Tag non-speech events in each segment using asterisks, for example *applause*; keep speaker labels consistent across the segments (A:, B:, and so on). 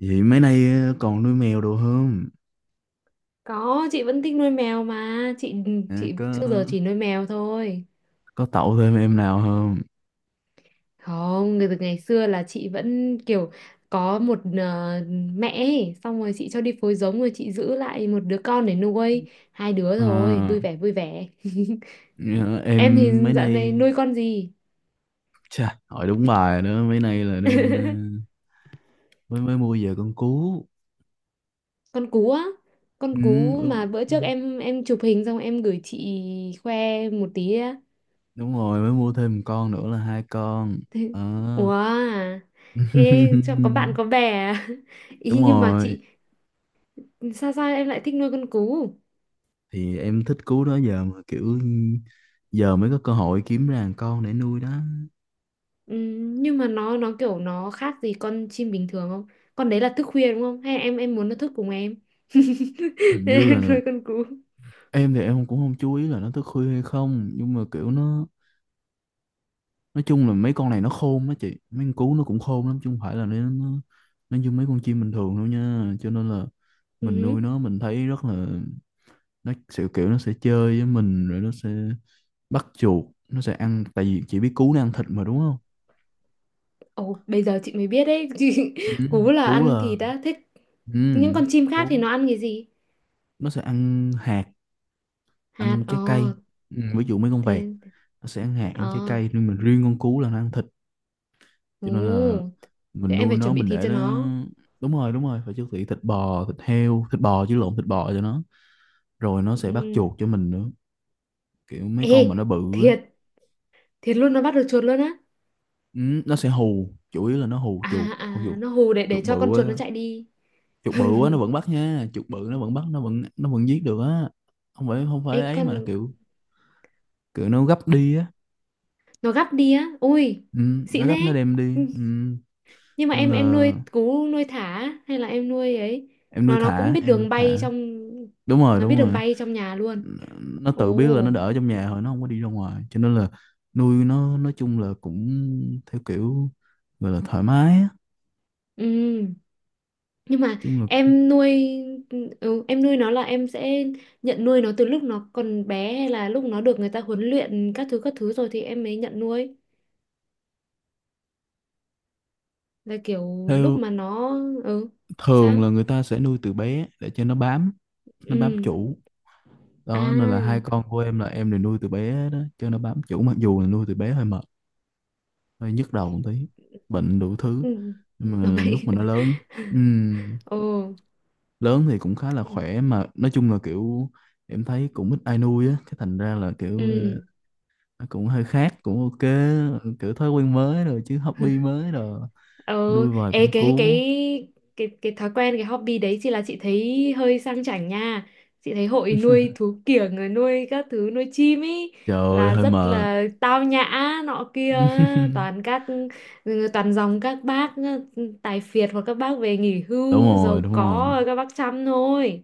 A: Vậy mấy nay còn nuôi mèo đồ không?
B: Có, chị vẫn thích nuôi mèo mà. Chị
A: À,
B: chị
A: có.
B: trước giờ chỉ nuôi mèo thôi.
A: Có tậu thêm em nào không?
B: Không, từ ngày xưa là chị vẫn kiểu có một mẹ ấy, xong rồi chị cho đi phối giống rồi chị giữ lại một đứa con để nuôi. Hai đứa rồi,
A: À,
B: vui vẻ vui vẻ. *laughs*
A: ờ,
B: Em thì
A: em mấy
B: dạo này
A: nay
B: nuôi con gì?
A: chà, hỏi đúng bài rồi đó, mấy nay là đang
B: *laughs*
A: mới mới mua về con cú.
B: Con cú á. Con
A: Ừ,
B: cú
A: đúng
B: mà bữa trước em chụp hình xong em gửi chị khoe một tí á.
A: đúng rồi, mới mua thêm một con nữa là hai con.
B: *laughs* Thế- Ủa,
A: Ờ.
B: à? Ê, cho có bạn
A: *laughs*
B: có bè à? *laughs*
A: Đúng
B: Ý nhưng mà
A: rồi,
B: chị sao sao em lại thích nuôi con cú.
A: thì em thích cú đó giờ mà kiểu giờ mới có cơ hội kiếm ra một con để nuôi đó.
B: Nhưng mà nó kiểu nó khác gì con chim bình thường không, con đấy là thức khuya đúng không hay em muốn nó thức cùng em *laughs*
A: Hình như
B: nên em
A: là
B: nuôi con cú.
A: em thì em cũng không chú ý là nó thức khuya hay không, nhưng mà kiểu nó nói chung là mấy con này nó khôn đó chị, mấy con cú nó cũng khôn lắm chứ không phải là nó như mấy con chim bình thường đâu nha, cho nên là mình nuôi
B: Ừm.
A: nó mình thấy rất là nó sẽ kiểu nó sẽ chơi với mình, rồi nó sẽ bắt chuột, nó sẽ ăn, tại vì chị biết cú nó ăn thịt mà đúng không.
B: Ồ, bây giờ chị mới biết đấy, *laughs* chị,
A: Ừ,
B: cú là
A: cú
B: ăn
A: là
B: thịt đã thích,
A: ừ,
B: những con chim khác thì
A: cú
B: nó ăn cái gì?
A: nó sẽ ăn hạt,
B: Hạt,
A: ăn trái cây. Ừ, ví dụ mấy con vẹt
B: thế,
A: nó sẽ ăn hạt ăn trái
B: ờ
A: cây, nhưng mà riêng con cú là nó ăn thịt, cho nên là
B: ồ, thế
A: mình
B: em
A: nuôi
B: phải
A: nó
B: chuẩn bị
A: mình
B: thịt
A: để
B: cho
A: nó
B: nó.
A: đúng rồi, đúng rồi, phải chuẩn bị thịt bò, thịt heo, thịt bò chứ, lộn, thịt bò cho nó, rồi nó sẽ bắt
B: Ừm.
A: chuột cho mình nữa, kiểu mấy
B: Ê,
A: con mà nó bự á.
B: thiệt, thiệt luôn nó bắt được chuột luôn á?
A: Ừ, nó sẽ hù, chủ yếu là nó hù
B: à
A: chuột hù
B: à
A: chuột,
B: nó hù để
A: chuột
B: để cho con
A: bự
B: chuột nó
A: á,
B: chạy đi.
A: chuột bự á nó vẫn bắt nha, chuột bự nó vẫn bắt, nó vẫn giết được á, không phải, không
B: Ê
A: phải ấy,
B: con,
A: mà là kiểu kiểu nó gấp đi á.
B: nó gắp đi á, ui
A: Ừ, nó
B: xịn
A: gấp nó
B: thế.
A: đem đi.
B: Ừ,
A: Ừ,
B: nhưng mà
A: nên
B: em
A: là
B: em nuôi cú nuôi thả á? Hay là em nuôi ấy,
A: em nuôi
B: nó cũng
A: thả,
B: biết
A: em nuôi
B: đường bay
A: thả,
B: trong,
A: đúng rồi
B: nó biết
A: đúng
B: đường
A: rồi,
B: bay trong nhà luôn?
A: nó tự biết là nó
B: Ồ.
A: đỡ trong nhà rồi, nó không có đi ra ngoài, cho nên là nuôi nó nói chung là cũng theo kiểu gọi là thoải mái á,
B: Ừ, nhưng mà
A: chung là cũng
B: em nuôi, ừ, em nuôi nó là em sẽ nhận nuôi nó từ lúc nó còn bé hay là lúc nó được người ta huấn luyện các thứ rồi thì em mới nhận nuôi, là kiểu lúc
A: theo
B: mà nó, ừ,
A: thường
B: sao,
A: là người ta sẽ nuôi từ bé để cho nó bám, nó bám
B: ừ,
A: chủ đó, nên là hai
B: à,
A: con của em là em đều nuôi từ bé đó cho nó bám chủ, mặc dù là nuôi từ bé hơi mệt, hơi nhức đầu một tí, bệnh đủ thứ,
B: ừ.
A: nhưng
B: Nó
A: mà lúc
B: bay.
A: mà nó lớn,
B: *laughs*
A: ừm,
B: Ồ.
A: lớn thì cũng khá là
B: Ừ.
A: khỏe, mà nói chung là kiểu em thấy cũng ít ai nuôi á, cái thành ra là kiểu
B: Ừ.
A: nó cũng hơi khác, cũng ok. Ừ, kiểu thói quen mới rồi, chứ hobby mới rồi,
B: Ừ,
A: nuôi vài
B: ê,
A: con
B: cái
A: cú
B: cái cái cái thói quen, cái hobby đấy chị là chị thấy hơi sang chảnh nha. Chị thấy hội nuôi thú kiểng rồi nuôi các thứ nuôi chim ấy
A: trời ơi
B: là
A: hơi
B: rất
A: mệt.
B: là tao nhã, nọ kia, toàn
A: *laughs*
B: các, ừ, toàn dòng các bác, ừ, tài phiệt hoặc các bác về nghỉ
A: Đúng
B: hưu
A: rồi
B: giàu
A: đúng
B: có
A: rồi,
B: rồi các bác chăm thôi.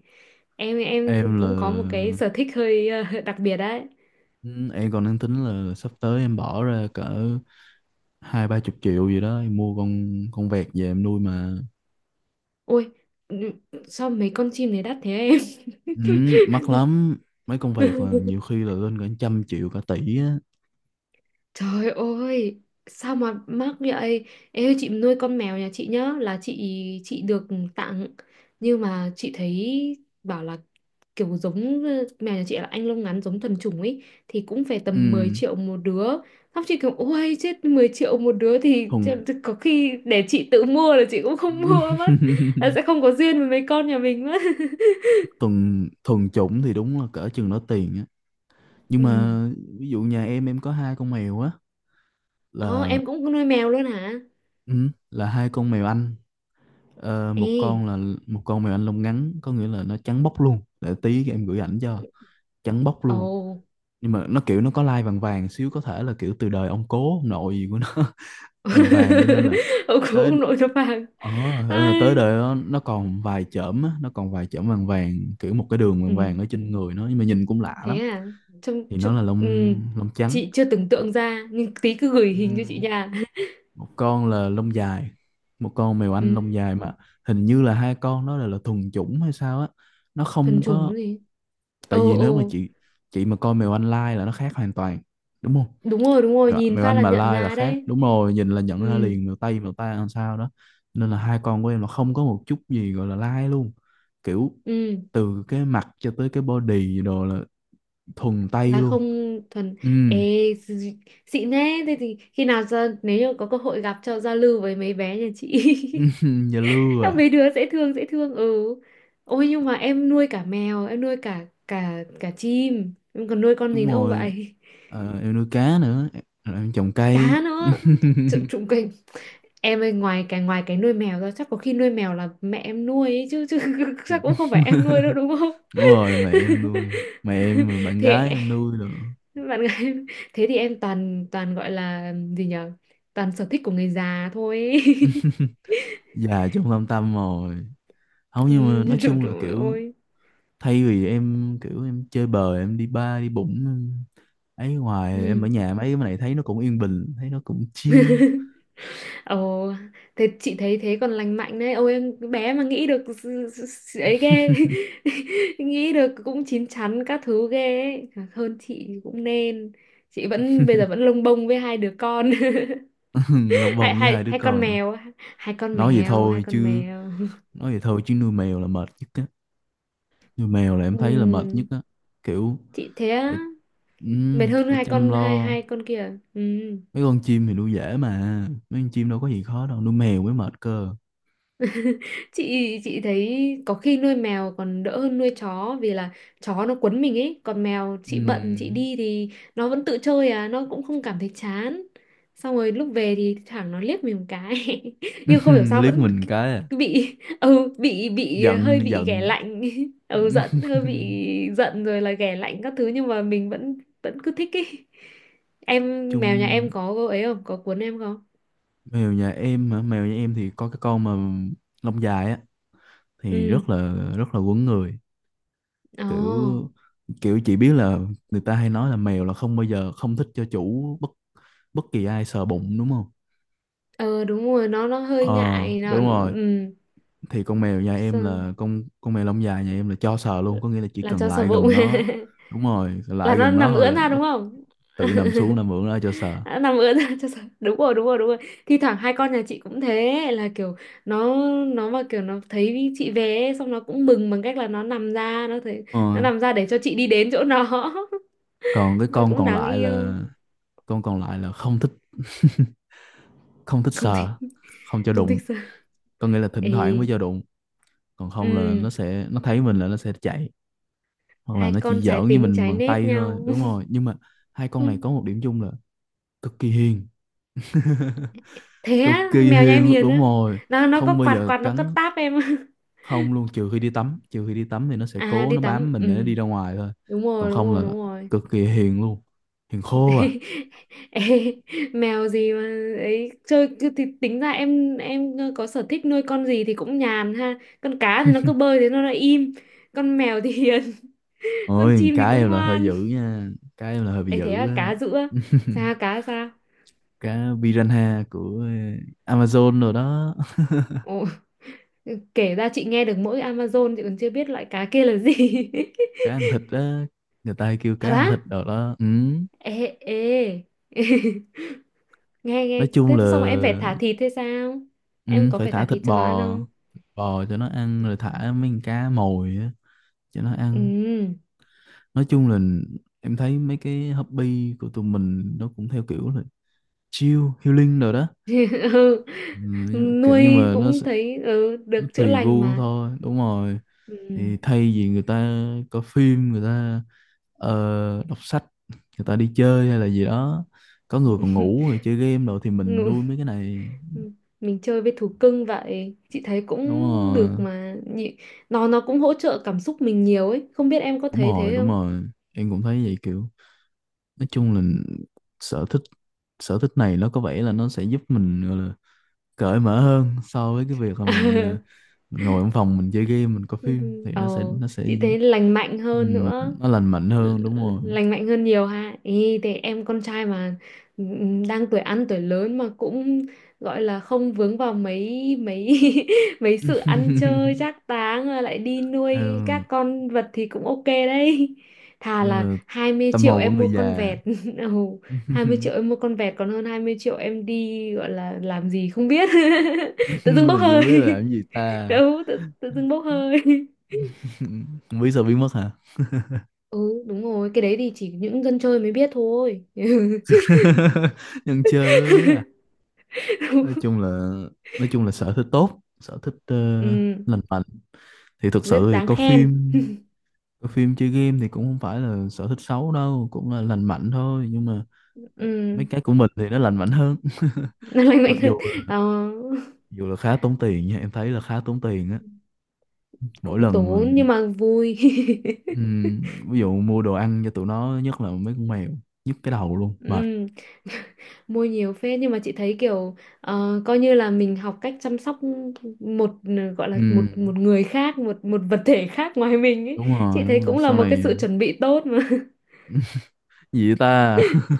B: Em
A: em là
B: cũng có một cái sở thích hơi *laughs* đặc biệt đấy.
A: ừ, em còn đang tính là sắp tới em bỏ ra cỡ hai ba chục triệu gì đó em mua con vẹt về em nuôi mà.
B: Ôi, ừ, sao mấy con chim này đắt thế em?
A: Ừ, mắc lắm, mấy con vẹt là nhiều
B: *laughs*
A: khi là lên cả trăm triệu, cả tỷ á.
B: Trời ơi, sao mà mắc vậy? Em ơi, chị nuôi con mèo nhà chị nhá, là chị được tặng. Nhưng mà chị thấy bảo là kiểu giống, mèo nhà chị là anh lông ngắn giống thuần chủng ấy thì cũng phải tầm 10
A: Ừ,
B: triệu một đứa. Xong chị kiểu ôi chết 10 triệu một đứa thì
A: thuần
B: có khi để chị tự mua là chị cũng không *laughs* mua mất. Là sẽ
A: *laughs*
B: không có duyên với mấy con nhà mình mất. *laughs*
A: thuần thuần chủng thì đúng là cỡ chừng đó tiền, nhưng
B: Ừ.
A: mà ví dụ nhà em có hai con mèo á,
B: Ờ,
A: là
B: em cũng nuôi mèo luôn hả?
A: ừ, là hai con mèo Anh. Ờ, một
B: Ê.
A: con là một con mèo Anh lông ngắn, có nghĩa là nó trắng bóc luôn, để tí em gửi ảnh cho, trắng bóc luôn,
B: Ồ.
A: nhưng mà nó kiểu nó có lai vàng vàng xíu, có thể là kiểu từ đời ông cố ông nội gì của nó. *laughs* Vàng vàng cho nên là
B: *laughs* Ông cũng
A: tới,
B: ông nội nó vàng.
A: ờ, tới
B: Ai.
A: đời nó còn vài chởm á, nó còn vài chởm vàng vàng, kiểu một cái đường vàng vàng
B: Ừ,
A: ở trên người nó, nhưng mà nhìn cũng lạ lắm,
B: thế à, trông,
A: thì nó
B: trông,
A: là lông
B: ừ,
A: lông trắng.
B: chị chưa tưởng
A: Còn,
B: tượng ra nhưng tí cứ gửi
A: ừ,
B: hình cho chị nha.
A: một con là lông dài, một con mèo
B: *laughs*
A: Anh lông
B: Ừ,
A: dài mà hình như là hai con nó là thuần chủng hay sao á, nó
B: thuần
A: không có,
B: chủng gì.
A: tại
B: Ồ
A: vì nếu mà
B: ồ.
A: chị mà coi mèo Anh lai là nó khác hoàn toàn đúng không.
B: Đúng rồi đúng rồi,
A: Mèo,
B: nhìn
A: mèo
B: phát
A: Anh
B: là
A: mà
B: nhận
A: lai là
B: ra
A: khác,
B: đấy.
A: đúng rồi nhìn là nhận ra
B: Ừ.
A: liền, mèo Tây mèo ta làm sao đó, nên là hai con của em là không có một chút gì gọi là lai luôn, kiểu
B: Ừ,
A: từ cái mặt cho tới cái body đồ là thuần Tây
B: là không
A: luôn.
B: thuần.
A: Ừ.
B: Ê, d- xịn thế, thế thì khi nào ra nếu như có cơ hội gặp cho giao lưu với mấy bé nhà chị.
A: *laughs* Dạ
B: *laughs*
A: lưa
B: Các
A: à,
B: mấy đứa dễ thương dễ thương. Ừ, ôi nhưng mà em nuôi cả mèo, em nuôi cả cả cả chim, em còn nuôi con
A: đúng
B: gì nữa không
A: rồi.
B: vậy?
A: Ờ, em nuôi cá nữa em, rồi em trồng
B: *laughs*
A: cây.
B: Cá nữa, trụng
A: *laughs*
B: trụng kình, em ơi ngoài cái nuôi mèo ra chắc có khi nuôi mèo là mẹ em nuôi ấy, chứ chứ *laughs* chắc cũng không phải em nuôi đâu đúng không?
A: Đúng rồi mẹ em nuôi, mẹ em rồi
B: *laughs*
A: bạn gái
B: Thế,
A: em nuôi nữa,
B: bạn gái. *laughs* Thế thì em toàn toàn gọi là gì nhở, toàn sở thích của người già thôi ấy. *laughs*
A: già trong lăm tăm rồi, không
B: Ừ,
A: nhưng mà nói
B: trời,
A: chung là
B: trời
A: kiểu
B: ơi.
A: thay vì em kiểu em chơi bời em đi bar đi bụng em ấy ngoài, em ở
B: Ừ.
A: nhà mấy cái này thấy nó cũng yên bình, thấy nó cũng chill.
B: *laughs* Ồ, thế chị thấy thế còn lành mạnh đấy. Ôi em cái bé mà nghĩ được ấy ghê. *laughs* Nghĩ được cũng chín chắn các thứ ghê ấy. Thật hơn chị thì cũng nên. Chị vẫn bây giờ vẫn lông bông với hai đứa con.
A: *laughs* Lộc
B: *laughs*
A: vòng
B: Hai
A: với
B: hai
A: hai đứa
B: hai con
A: con,
B: mèo, hai con
A: nói vậy
B: mèo, hai
A: thôi
B: con
A: chứ,
B: mèo.
A: nói vậy thôi chứ, nuôi mèo là mệt nhất á, nuôi mèo
B: *laughs*
A: là em thấy là mệt nhất
B: Ừm,
A: á, kiểu
B: chị thế á.
A: phải
B: Mệt hơn
A: phải
B: hai
A: chăm
B: con, hai
A: lo,
B: hai con kia à? Ừ.
A: mấy con chim thì nuôi dễ mà, mấy con chim đâu có gì khó đâu, nuôi mèo mới mệt cơ.
B: chị thấy có khi nuôi mèo còn đỡ hơn nuôi chó vì là chó nó quấn mình ấy, còn mèo chị bận chị
A: Ừm.
B: đi thì nó vẫn tự chơi à, nó cũng không cảm thấy chán, xong rồi lúc về thì thẳng nó liếc mình một cái, *laughs* nhưng không hiểu
A: *laughs*
B: sao
A: Liếc
B: vẫn
A: mình cái à.
B: bị, bị hơi
A: Giận
B: bị ghẻ
A: giận.
B: lạnh *laughs* ừ giận hơi bị
A: *laughs*
B: giận rồi là ghẻ lạnh các thứ nhưng mà mình vẫn vẫn cứ thích ấy. Em mèo nhà em
A: Chung
B: có ấy không, có cuốn em không?
A: mèo nhà em hả, mèo nhà em thì có cái con mà lông dài á thì
B: Ừ.
A: rất là quấn người,
B: Ồ.
A: kiểu kiểu chị biết là người ta hay nói là mèo là không bao giờ không thích cho chủ, bất bất kỳ ai sờ bụng đúng không.
B: Ờ đúng rồi, nó hơi
A: Ờ
B: ngại nó,
A: đúng rồi, thì con mèo nhà em
B: sao-
A: là con mèo lông dài nhà em là cho sờ luôn, có nghĩa là chỉ
B: là
A: cần
B: cho sờ
A: lại
B: bụng.
A: gần nó
B: *laughs*
A: đúng rồi,
B: Là
A: lại
B: nó
A: gần nó
B: nằm
A: thôi
B: ưỡn
A: là
B: ra
A: nó
B: đúng không?
A: tự nằm
B: *laughs*
A: xuống, nằm ngửa ra cho sờ.
B: Nó nằm ưỡn ra cho sờ. Đúng rồi, đúng rồi, đúng rồi. Thi thoảng hai con nhà chị cũng thế là kiểu nó, mà kiểu nó thấy chị về ấy, xong nó cũng mừng bằng cách là nó nằm ra, nó thấy
A: Ờ.
B: nó nằm ra để cho chị đi đến chỗ nó.
A: Còn cái
B: *laughs*
A: con
B: Cũng
A: còn
B: đáng
A: lại
B: yêu.
A: là, con còn lại là không thích. *laughs* Không thích
B: Không thích,
A: sờ, không cho
B: không
A: đụng,
B: thích sờ.
A: có nghĩa là thỉnh thoảng mới
B: Ê,
A: cho đụng, còn không là
B: ừm,
A: nó thấy mình là nó sẽ chạy, hoặc là
B: hai
A: nó chỉ
B: con trái
A: giỡn với
B: tính
A: mình
B: trái
A: bằng
B: nết
A: tay thôi,
B: nhau.
A: đúng rồi, nhưng mà hai con này có
B: *laughs*
A: một điểm chung là cực kỳ hiền,
B: Thế
A: cực
B: á,
A: kỳ
B: mèo nhà em
A: hiền luôn,
B: hiền
A: đúng
B: á,
A: rồi,
B: nó có
A: không bao
B: quạt
A: giờ
B: quạt nó có
A: cắn,
B: táp em? *laughs*
A: không luôn, trừ khi đi tắm, trừ khi đi tắm thì nó sẽ
B: À
A: cố
B: đi
A: nó
B: tắm,
A: bám mình
B: ừ
A: để nó đi ra ngoài thôi,
B: đúng
A: còn
B: rồi đúng
A: không
B: rồi
A: là
B: đúng rồi.
A: cực kỳ hiền luôn, hiền khô à.
B: *laughs* Ê, mèo gì mà ấy chơi cứ thì tính ra em có sở thích nuôi con gì thì cũng nhàn ha, con cá thì nó cứ bơi thế nó lại im, con mèo thì hiền, *laughs* con
A: Ôi
B: chim thì
A: cá
B: cũng
A: em là hơi
B: ngoan.
A: dữ nha, cá em là hơi bị
B: Ấy thế
A: dữ
B: à,
A: á.
B: cá giữa, sao
A: *laughs*
B: cá sao.
A: Cá piranha của Amazon rồi đó. *laughs*
B: Ồ, kể ra chị nghe được mỗi Amazon chị còn chưa biết loại cá kia là gì.
A: Cá ăn thịt á, người ta hay kêu
B: *laughs*
A: cá
B: Thật
A: ăn
B: á?
A: thịt rồi đó. Ừ.
B: Ê, ê, *laughs* nghe
A: Nói
B: nghe
A: chung
B: thế
A: là
B: xong rồi em phải thả thịt thế sao,
A: ừ,
B: em có
A: phải
B: phải
A: thả
B: thả
A: thịt
B: thịt cho nó ăn
A: bò,
B: không?
A: thịt bò cho nó ăn, rồi thả mấy con cá mồi á cho nó ăn,
B: Ừ.
A: nói chung là em thấy mấy cái hobby của tụi mình nó cũng theo kiểu là chill healing rồi đó.
B: *laughs* Ừ,
A: Ừ, nhưng, mà nhưng
B: nuôi
A: mà nó,
B: cũng
A: sẽ,
B: thấy, ừ,
A: nó
B: được chữa
A: tùy
B: lành
A: gu
B: mà.
A: thôi, đúng rồi,
B: Ừ.
A: thì thay vì người ta coi phim, người ta đọc sách, người ta đi chơi hay là gì đó, có người còn
B: *laughs*
A: ngủ rồi chơi game rồi thì mình
B: Ngụ-
A: nuôi mấy cái này.
B: mình chơi với thú cưng vậy chị thấy
A: Đúng
B: cũng
A: rồi
B: được mà. Nó cũng hỗ trợ cảm xúc mình nhiều ấy, không biết em có
A: đúng
B: thấy
A: rồi
B: thế
A: đúng
B: không.
A: rồi, em cũng thấy vậy, kiểu nói chung là sở thích, sở thích này nó có vẻ là nó sẽ giúp mình cởi mở hơn so với cái việc là mình
B: *laughs*
A: mình ngồi trong phòng mình chơi game, mình coi
B: Ừ.
A: phim thì
B: Ờ
A: nó sẽ
B: chị thấy lành mạnh hơn
A: ừm,
B: nữa.
A: nó lành mạnh
B: Ờ,
A: hơn, đúng rồi.
B: lành mạnh hơn nhiều ha, ý thì em con trai mà, đang tuổi ăn tuổi lớn mà cũng gọi là không vướng vào mấy mấy *laughs* mấy sự ăn
A: *laughs*
B: chơi trác táng rồi lại đi nuôi
A: Ừ,
B: các con vật thì cũng ok đấy. Thà
A: em
B: là
A: là
B: 20
A: tâm
B: triệu
A: hồn của
B: em mua
A: người
B: con
A: già.
B: vẹt. *laughs* Oh, 20
A: *laughs*
B: triệu em mua con vẹt còn hơn 20 triệu em đi gọi là làm gì không biết.
A: Làm
B: *laughs* Tự dưng bốc
A: gì
B: hơi.
A: không biết là làm cái gì ta.
B: *laughs* Đâu tự dưng bốc hơi. *laughs*
A: *laughs* Không biết sao biết mất hả.
B: Ừ đúng rồi, cái đấy thì chỉ những dân chơi mới biết thôi. *laughs*
A: *laughs* Nhân chơi mới biết là, nói chung
B: *laughs*
A: là, nói chung là sở thích tốt, sở thích
B: Ừ,
A: lành mạnh, thì thực sự
B: rất
A: thì
B: đáng
A: coi
B: khen.
A: phim, coi phim chơi game thì cũng không phải là sở thích xấu đâu, cũng là lành mạnh thôi, nhưng mà
B: Ừ,
A: mấy cái của mình thì nó lành mạnh hơn. *laughs*
B: nó lành mạnh
A: Mặc
B: hơn. Ờ,
A: dù là khá tốn tiền nha, em thấy là khá tốn tiền á mỗi
B: cũng
A: lần
B: tốn
A: mà
B: nhưng mà vui. *laughs*
A: ừm, ví dụ mua đồ ăn cho tụi nó, nhất là mấy con mèo, nhức cái đầu luôn,
B: Ừ.
A: mệt.
B: *laughs* Mua nhiều phết, nhưng mà chị thấy kiểu, ờ, coi như là mình học cách chăm sóc một, gọi là một
A: Ừm.
B: một người khác, một một vật thể khác ngoài mình ấy,
A: Đúng rồi
B: chị thấy
A: đúng rồi
B: cũng là
A: sau
B: một cái
A: này,
B: sự chuẩn bị tốt mà.
A: gì vậy ta. *laughs*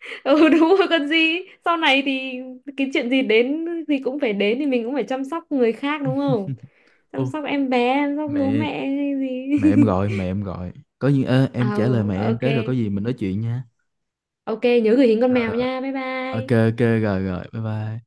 B: *laughs* Ừ đúng rồi, còn gì, sau này thì cái chuyện gì đến thì cũng phải đến thì mình cũng phải chăm sóc người khác đúng không, chăm
A: Ô
B: sóc em bé, chăm sóc bố
A: mẹ,
B: mẹ hay gì.
A: mẹ em gọi, mẹ em gọi, có gì ơ,
B: *laughs*
A: em trả lời mẹ
B: Ờ,
A: em
B: ok
A: cái rồi có gì mình nói chuyện nha.
B: ok, nhớ gửi hình con
A: Rồi,
B: mèo
A: rồi.
B: nha, bye
A: Ok
B: bye.
A: ok rồi rồi bye bye